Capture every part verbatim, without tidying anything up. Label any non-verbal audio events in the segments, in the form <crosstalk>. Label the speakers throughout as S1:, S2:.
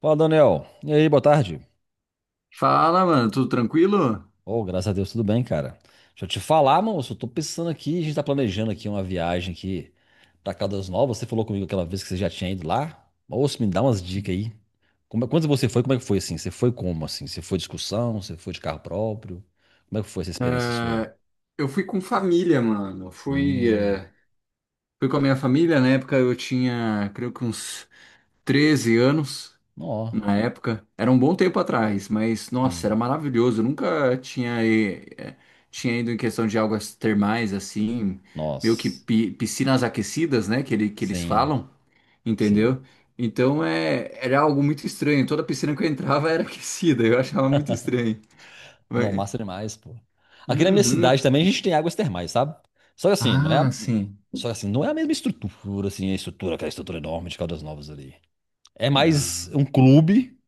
S1: Fala, Daniel. E aí, boa tarde.
S2: Fala, mano, tudo tranquilo?
S1: Oh, graças a Deus, tudo bem, cara. Deixa eu te falar, moço, eu tô pensando aqui, a gente tá planejando aqui uma viagem aqui pra Caldas Novas. Você falou comigo aquela vez que você já tinha ido lá. Moço, me dá umas dicas aí. Como, é- quando você foi, como é que foi assim? Você foi como assim? Você foi de excursão? Você foi de carro próprio? Como é que foi essa experiência sua?
S2: É, eu fui com família, mano. Fui,
S1: Hum,
S2: é, fui com a minha família. Na época eu tinha, creio que uns treze anos.
S1: ó,
S2: Na época, era um bom tempo atrás, mas nossa, era
S1: sim.
S2: maravilhoso. Eu nunca tinha, e- é, tinha ido em questão de águas termais assim, meio que
S1: Nossa,
S2: pi- piscinas aquecidas, né? Que, ele, que eles
S1: sim,
S2: falam,
S1: sim.
S2: entendeu? Então é, era algo muito estranho. Toda piscina que eu entrava era <laughs> aquecida, eu achava muito estranho.
S1: Não, massa demais, pô. Aqui na minha
S2: Uhum.
S1: cidade também a gente tem águas termais, sabe? Só que assim, não é a.
S2: Ah, sim.
S1: Só que assim, não é a mesma estrutura, assim, a estrutura, aquela estrutura enorme de Caldas Novas ali. É mais
S2: Ah,
S1: um clube,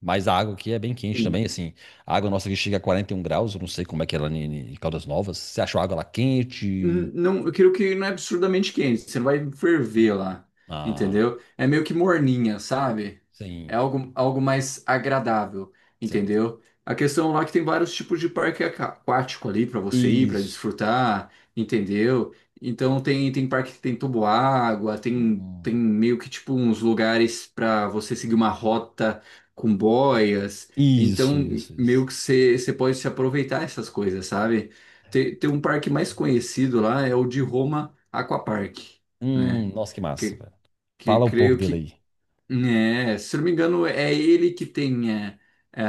S1: mas a água aqui é bem quente também,
S2: sim.
S1: assim. A água nossa aqui chega a quarenta e um graus, eu não sei como é que é lá em em Caldas Novas. Você achou a água lá quente?
S2: Não, eu quero que não é absurdamente quente, você não vai ferver lá,
S1: Ah,
S2: entendeu? É meio que morninha, sabe? É
S1: sim,
S2: algo, algo mais agradável,
S1: sim.
S2: entendeu? A questão lá é que tem vários tipos de parque aqua- aquático ali para você ir, para
S1: Isso.
S2: desfrutar, entendeu? Então tem, tem parque que tem toboágua, tem, tem
S1: Hum,
S2: meio que tipo uns lugares para você seguir uma rota com boias.
S1: isso,
S2: Então
S1: isso,
S2: meio
S1: isso.
S2: que você, você pode se aproveitar essas coisas, sabe? Tem, tem um parque mais conhecido lá, é o de Roma Aquapark, né?
S1: Hum, nossa, que massa,
S2: Que,
S1: velho.
S2: que
S1: Fala um pouco
S2: creio
S1: dele
S2: que,
S1: aí.
S2: né, se não me engano, é ele que tem é, é,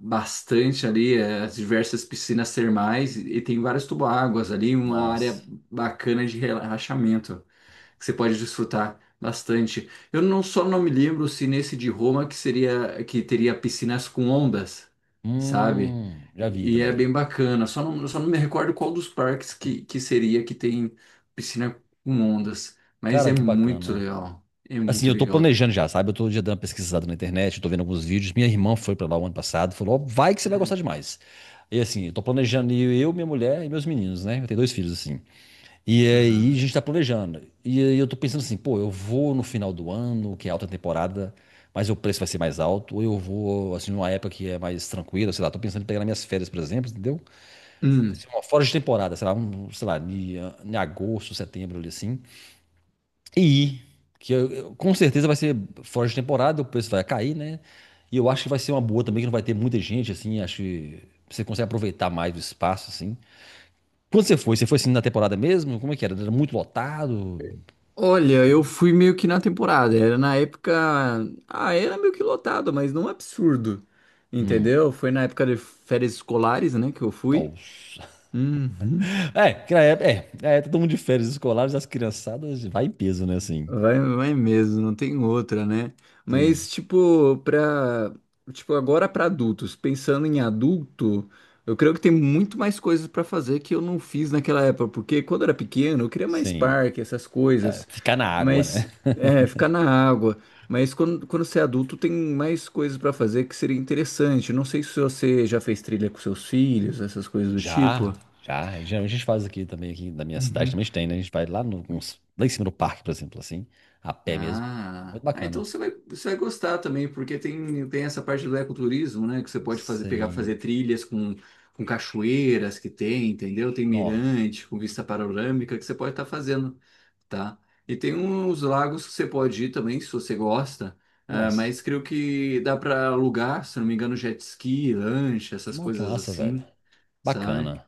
S2: bastante ali é, as diversas piscinas termais e, e tem várias tubo-águas ali, uma área
S1: Nossa.
S2: bacana de relaxamento que você pode desfrutar bastante. Eu não só não me lembro se nesse de Roma que seria que teria piscinas com ondas, sabe?
S1: Hum, já vi
S2: E é
S1: também.
S2: bem bacana. Só não, só não me recordo qual dos parques que, que seria que tem piscina com ondas, mas
S1: Cara,
S2: é
S1: que
S2: muito
S1: bacana.
S2: legal. É
S1: Assim,
S2: muito
S1: eu tô
S2: legal.
S1: planejando já, sabe? Eu tô já dando uma pesquisada na internet, eu tô vendo alguns vídeos. Minha irmã foi pra lá o ano passado, falou, ó, vai que você vai gostar
S2: Hum,
S1: demais. E assim, eu tô planejando ir eu, minha mulher e meus meninos, né? Eu tenho dois filhos, assim. E aí a
S2: aham.
S1: gente tá planejando. E aí eu tô pensando assim, pô, eu vou no final do ano, que é alta temporada, mas o preço vai ser mais alto, ou eu vou, assim, numa época que é mais tranquila, sei lá, tô pensando em pegar nas minhas férias, por exemplo, entendeu?
S2: Hum,
S1: Assim, uma fora de temporada, sei lá, um, sei lá, em em agosto, setembro, ali assim. E que eu- eu- com certeza vai ser fora de temporada, o preço vai cair, né? E eu acho que vai ser uma boa também, que não vai ter muita gente, assim, acho que você consegue aproveitar mais o espaço, assim. Quando você foi? Você foi assim na temporada mesmo? Como é que era? Era muito lotado?
S2: Olha, eu fui meio que na temporada. Era na época. Ah, era meio que lotado, mas não absurdo.
S1: Hum,
S2: Entendeu? Foi na época de férias escolares, né, que eu fui.
S1: nossa. <laughs>
S2: Uhum.
S1: É, que na época- é, é, todo mundo de férias escolares, as criançadas, vai em peso, né, assim.
S2: Vai, vai mesmo, não tem outra, né?
S1: Sim,
S2: Mas tipo, pra, tipo, agora pra adultos, pensando em adulto, eu creio que tem muito mais coisas pra fazer que eu não fiz naquela época, porque quando eu era pequeno, eu queria mais
S1: sim.
S2: parque, essas
S1: É,
S2: coisas,
S1: ficar na água, né?
S2: mas é, ficar na água. Mas quando, quando você é adulto, tem mais coisas pra fazer que seria interessante. Não sei se você já fez trilha com seus filhos, essas coisas do tipo.
S1: Já, já. Geralmente a gente faz aqui também, aqui na minha cidade
S2: Uhum.
S1: também tem, né? A gente vai lá, no, uns- lá em cima do parque, por exemplo, assim, a pé mesmo.
S2: Ah,
S1: Muito
S2: ah,
S1: bacana.
S2: então você vai, você vai gostar também, porque tem, tem essa parte do ecoturismo, né? Que você pode fazer, pegar,
S1: Sim.
S2: fazer trilhas com, com cachoeiras que tem, entendeu? Tem
S1: Nó.
S2: mirante com vista panorâmica que você pode estar fazendo, tá? E tem uns lagos que você pode ir também, se você gosta, ah,
S1: Nossa.
S2: mas creio que dá para alugar, se não me engano, jet ski, lancha, essas
S1: Nó, que
S2: coisas
S1: massa, velho.
S2: assim, sabe?
S1: Bacana.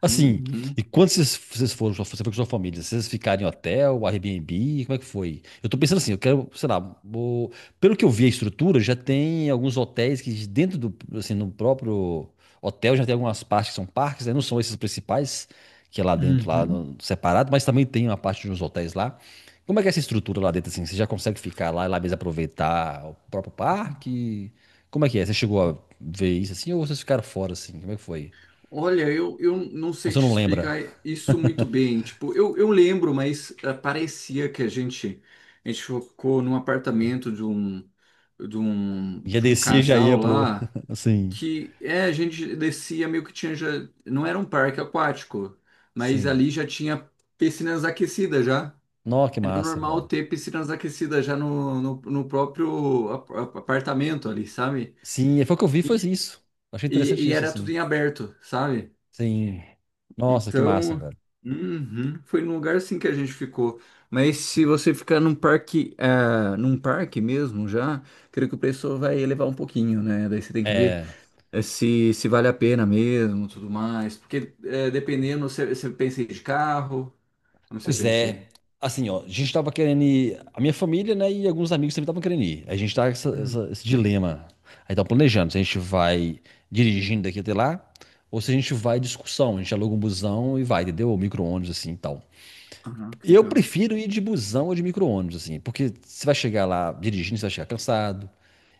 S1: Assim,
S2: Uhum.
S1: e quando vocês, vocês foram, você foi com sua família, vocês ficaram em hotel, Airbnb, como é que foi? Eu tô pensando assim, eu quero, sei lá, vou- pelo que eu vi a estrutura, já tem alguns hotéis que dentro do, assim, no próprio hotel já tem algumas partes que são parques, né? Não são esses principais, que é lá dentro, lá
S2: Uhum.
S1: no- separado, mas também tem uma parte de uns hotéis lá. Como é que é essa estrutura lá dentro, assim? Você já consegue ficar lá e lá mesmo aproveitar o próprio parque? Como é que é? Você chegou a ver isso assim ou vocês ficaram fora, assim? Como é que foi?
S2: Olha, eu, eu não sei
S1: Você
S2: te
S1: não lembra.
S2: explicar isso muito bem. Tipo, eu, eu lembro, mas ah, parecia que a gente, a gente ficou num apartamento de um, de um,
S1: Já
S2: de um
S1: descia e já
S2: casal
S1: ia pro.
S2: lá,
S1: <laughs> Assim.
S2: que é, a gente descia meio que tinha já, não era um parque aquático, mas
S1: Sim.
S2: ali já tinha piscinas aquecidas já.
S1: Nossa, que
S2: Era
S1: massa,
S2: normal
S1: velho.
S2: ter piscinas aquecidas já no, no, no próprio ap- ap- apartamento ali, sabe?
S1: Sim, e foi o que eu vi, foi
S2: E,
S1: isso. Achei
S2: e
S1: interessante
S2: e
S1: isso,
S2: era tudo
S1: assim.
S2: em aberto, sabe?
S1: Sim. Nossa, que massa,
S2: Então,
S1: velho.
S2: uhum, foi num lugar assim que a gente ficou. Mas se você ficar num parque, ah, num parque mesmo já, creio que o preço vai elevar um pouquinho, né? Daí você tem que ver
S1: É.
S2: eh, se, se vale a pena mesmo, tudo mais. Porque eh, dependendo, você, você pensa em ir de carro, como você
S1: Pois
S2: pensa em
S1: é.
S2: ir?
S1: Assim, ó, a gente tava querendo ir. A minha família, né, e alguns amigos também estavam querendo ir. A gente tá com essa-
S2: Uhum.
S1: essa- esse dilema. Aí tá planejando se a gente vai dirigindo daqui até lá, ou se a gente vai em discussão. A gente aluga um busão e vai, entendeu? Ou micro-ônibus, assim e tal.
S2: Ah, que
S1: Eu
S2: legal.
S1: prefiro ir de busão ou de micro-ônibus, assim, porque você vai chegar lá dirigindo, você vai chegar cansado,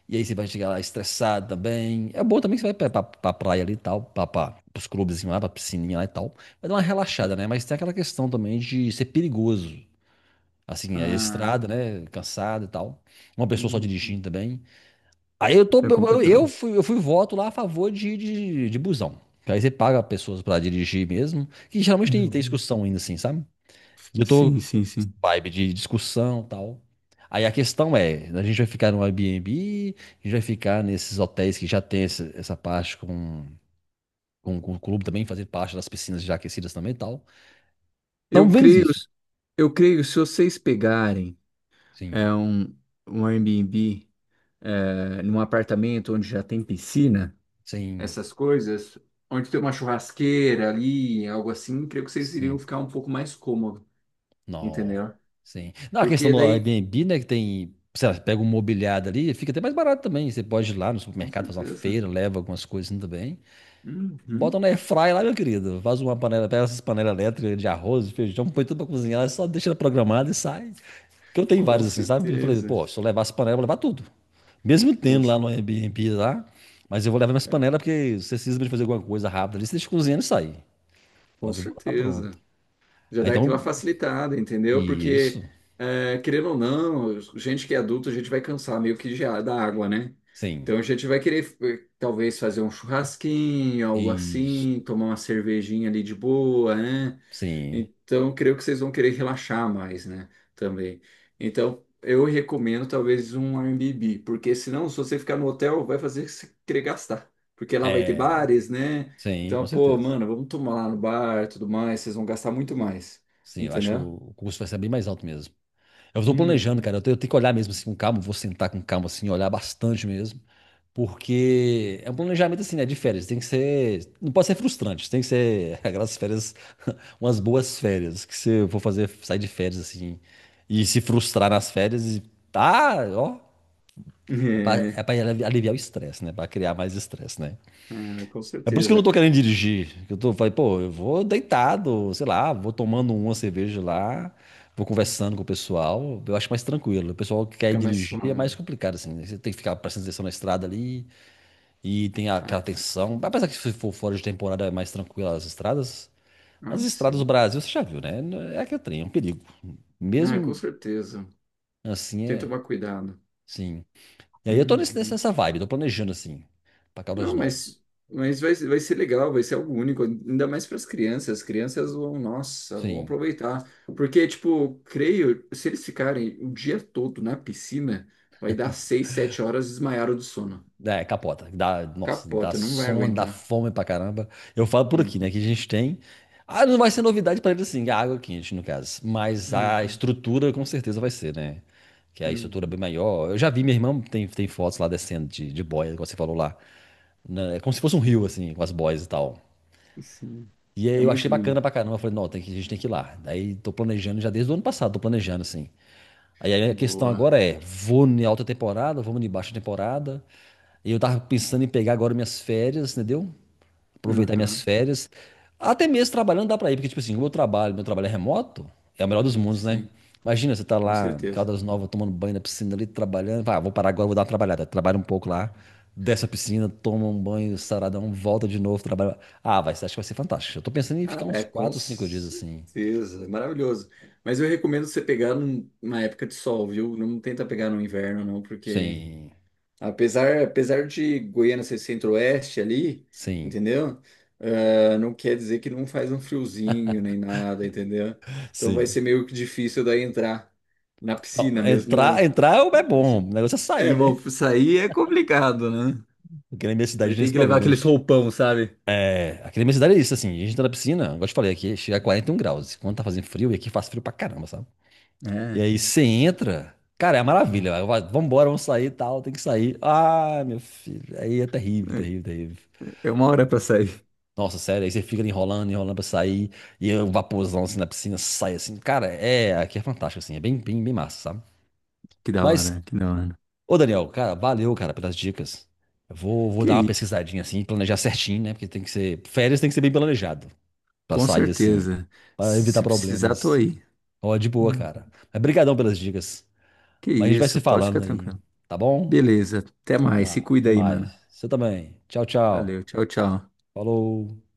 S1: e aí você vai chegar lá estressado também. É bom também que você vai pra, pra, pra praia ali e tal, pra, pra, pros clubes assim, lá, pra piscininha lá e tal. Vai dar uma relaxada, né? Mas tem aquela questão também de ser perigoso. Assim, a
S2: Ah,
S1: estrada, né? Cansado e tal. Uma pessoa só
S2: uhum.
S1: dirigindo também. Aí eu tô.
S2: É
S1: Eu,
S2: complicado.
S1: eu fui, eu fui voto lá a favor de, de, de busão. Que aí você paga pessoas pra dirigir mesmo. Que geralmente tem, tem
S2: Uhum.
S1: discussão ainda, assim, sabe? E eu tô
S2: Sim, sim, sim.
S1: vibe de discussão e tal. Aí a questão é, a gente vai ficar no Airbnb, a gente vai ficar nesses hotéis que já tem essa, essa parte com, com, com o clube também, fazer parte das piscinas já aquecidas também e tal. Estamos
S2: Eu
S1: vendo
S2: creio,
S1: isso.
S2: eu creio, se vocês pegarem
S1: Sim,
S2: é um, um Airbnb é, num apartamento onde já tem piscina,
S1: sim,
S2: essas coisas, onde tem uma churrasqueira ali, algo assim, creio que vocês iriam
S1: sim.
S2: ficar um pouco mais cômodo,
S1: Não,
S2: entendeu?
S1: sim. Não, a questão
S2: Porque
S1: do
S2: daí,
S1: Airbnb, né, que tem, sei lá, você pega um mobiliário ali, fica até mais barato também. Você pode ir lá no
S2: com
S1: supermercado fazer uma
S2: certeza.
S1: feira, leva algumas coisas também. Bota
S2: Uhum,
S1: na airfryer lá, meu querido. Faz uma panela, pega essas panelas elétricas de arroz, feijão, põe tudo pra cozinhar, ela só deixa ela programada e sai. Porque eu tenho
S2: com
S1: vários assim, sabe? Eu falei,
S2: certeza.
S1: pô, se eu levar essa panela eu vou levar tudo. Mesmo
S2: Com,
S1: tendo lá
S2: c-
S1: no Airbnb lá, mas eu vou levar minhas
S2: é,
S1: panelas porque se você precisa de fazer alguma coisa rápida ali, você deixa cozinhando e sai.
S2: com
S1: Fala que eu vou lá tá pronto.
S2: certeza. Já
S1: Aí
S2: dá aquela
S1: então,
S2: facilitada, entendeu?
S1: isso,
S2: Porque, é, querendo ou não, gente que é adulto, a gente vai cansar meio que de, a- da água, né?
S1: sim,
S2: Então a gente vai querer, eh, talvez, fazer um churrasquinho, algo
S1: isso,
S2: assim, tomar uma cervejinha ali de boa, né?
S1: sim,
S2: Então, creio que vocês vão querer relaxar mais, né? Também. Então, eu recomendo talvez um Airbnb, porque senão, se você ficar no hotel, vai fazer você querer gastar. Porque lá vai ter
S1: é,
S2: bares, né?
S1: sim,
S2: Então,
S1: com
S2: pô,
S1: certeza.
S2: mano, vamos tomar lá no bar e tudo mais, vocês vão gastar muito mais.
S1: Sim, eu acho que
S2: Entendeu?
S1: o custo vai ser bem mais alto mesmo. Eu tô planejando,
S2: Uhum.
S1: cara. Eu tenho, eu tenho que olhar mesmo assim com calma. Vou sentar com calma, assim, olhar bastante mesmo. Porque é um planejamento assim, né? De férias. Tem que ser. Não pode ser frustrante. Tem que ser <laughs> aquelas férias, <laughs> umas boas férias. Que você for fazer, sair de férias assim. E se frustrar nas férias. E tá, ó. É pra, é pra
S2: <laughs>
S1: aliviar o estresse, né? Pra criar mais estresse, né?
S2: É, ah, com
S1: É por isso que eu não
S2: certeza.
S1: tô querendo dirigir. Eu tô, falei, pô, eu vou deitado, sei lá, vou tomando uma cerveja lá, vou conversando com o pessoal. Eu acho mais tranquilo. O pessoal que quer
S2: Fica mais
S1: dirigir é mais
S2: suave.
S1: complicado, assim, né? Você tem que ficar prestando atenção na estrada ali e tem aquela
S2: Ah,
S1: tensão. Apesar que se for fora de temporada é mais tranquilo as estradas, mas
S2: ah,
S1: as estradas do
S2: sim.
S1: Brasil, você já viu, né? É aquele trem, é um perigo.
S2: Ah, com
S1: Mesmo
S2: certeza.
S1: assim,
S2: Tem que
S1: é,
S2: tomar cuidado.
S1: sim. E aí eu tô nesse-
S2: Uhum.
S1: nessa vibe, tô planejando, assim, pra Caldas
S2: Não,
S1: Novas.
S2: mas, mas vai, vai ser legal, vai ser algo único, ainda mais para as crianças. As crianças vão, nossa, vão
S1: Sim.
S2: aproveitar. Porque, tipo, creio, se eles ficarem o dia todo na piscina, vai dar seis, sete horas desmaiaram do sono.
S1: É, capota. Dá, nossa, dá
S2: Capota, não vai
S1: sono, dá
S2: aguentar.
S1: fome pra caramba. Eu falo por aqui,
S2: Sim.
S1: né? Que a gente tem. Ah, não vai ser novidade pra eles assim, a água quente, no caso. Mas a
S2: Uhum,
S1: estrutura com certeza vai ser, né? Que a estrutura é bem
S2: uhum.
S1: maior. Eu já vi, minha irmã tem, tem fotos lá descendo de, de boia, como você falou lá. Né? É como se fosse um
S2: Sim,
S1: rio, assim, com as boias e tal.
S2: sim.
S1: E aí
S2: É
S1: eu achei
S2: muito
S1: bacana
S2: lindo.
S1: pra caramba. Eu falei, não, tem que, a gente tem que ir lá. Daí tô planejando já desde o ano passado, tô planejando assim. Aí a questão
S2: Boa.
S1: agora é, vou em alta temporada, vamos em baixa temporada. E eu tava pensando em pegar agora minhas férias, entendeu? Aproveitar minhas
S2: Aham,
S1: férias. Até mesmo trabalhando dá pra ir, porque tipo assim, o meu trabalho, meu trabalho é remoto, é o melhor dos mundos, né?
S2: sim,
S1: Imagina, você tá
S2: com
S1: lá em
S2: certeza.
S1: Caldas Novas tomando banho na piscina ali, trabalhando. Vai: "Ah, vou parar agora, vou dar uma trabalhada." Trabalha um pouco lá, desce a piscina, toma um banho saradão, volta de novo, trabalha. Ah, vai, acho que vai ser fantástico. Eu tô pensando em
S2: Ah,
S1: ficar uns
S2: é, com
S1: quatro, cinco dias assim.
S2: certeza. É maravilhoso. Mas eu recomendo você pegar num- numa época de sol, viu? Não tenta pegar no inverno, não, porque
S1: Sim,
S2: apesar, apesar de Goiânia ser centro-oeste ali,
S1: sim,
S2: entendeu? Ah, não quer dizer que não faz um friozinho nem nada, entendeu? Então vai
S1: sim.
S2: ser meio que difícil daí entrar na
S1: Não,
S2: piscina
S1: entrar,
S2: mesmo.
S1: entrar é bom, o negócio é sair,
S2: É,
S1: né?
S2: bom, sair é complicado, né?
S1: Porque na minha cidade
S2: Vai
S1: tem
S2: ter
S1: esse
S2: que levar
S1: problema.
S2: aqueles
S1: gente-
S2: roupão, sabe?
S1: É, aqui na minha cidade é isso, assim, a gente entra na piscina, igual eu te falei, aqui chega a quarenta e um graus. Quando tá fazendo frio, e aqui faz frio pra caramba, sabe? E
S2: É.
S1: aí você entra, cara, é uma maravilha. Vai, vai, vambora, vamos sair e tal, tem que sair. Ah, meu filho, aí é terrível, terrível,
S2: É
S1: terrível.
S2: é uma hora pra sair.
S1: Nossa, sério, aí você fica ali enrolando, enrolando pra sair, e o vaporzão assim na piscina sai assim. Cara, é, aqui é fantástico, assim, é bem, bem, bem massa, sabe?
S2: Que da
S1: Mas,
S2: hora, que da hora.
S1: ô Daniel, cara, valeu, cara, pelas dicas. Eu vou, vou
S2: Que
S1: dar uma
S2: isso,
S1: pesquisadinha assim, planejar certinho, né? Porque tem que ser, férias tem que ser bem planejado, pra
S2: com
S1: sair assim,
S2: certeza.
S1: pra
S2: Se
S1: evitar
S2: se precisar, tô
S1: problemas.
S2: aí.
S1: Ó, de boa,
S2: Uhum.
S1: cara. Mas brigadão pelas dicas.
S2: Que
S1: Mas a gente vai
S2: isso,
S1: se
S2: pode ficar
S1: falando aí,
S2: tranquilo.
S1: tá bom?
S2: Beleza, até
S1: Então
S2: mais.
S1: tá,
S2: Se cuida
S1: até
S2: aí,
S1: mais.
S2: mano.
S1: Você também. Tchau,
S2: Valeu,
S1: tchau.
S2: tchau, tchau.
S1: Falou.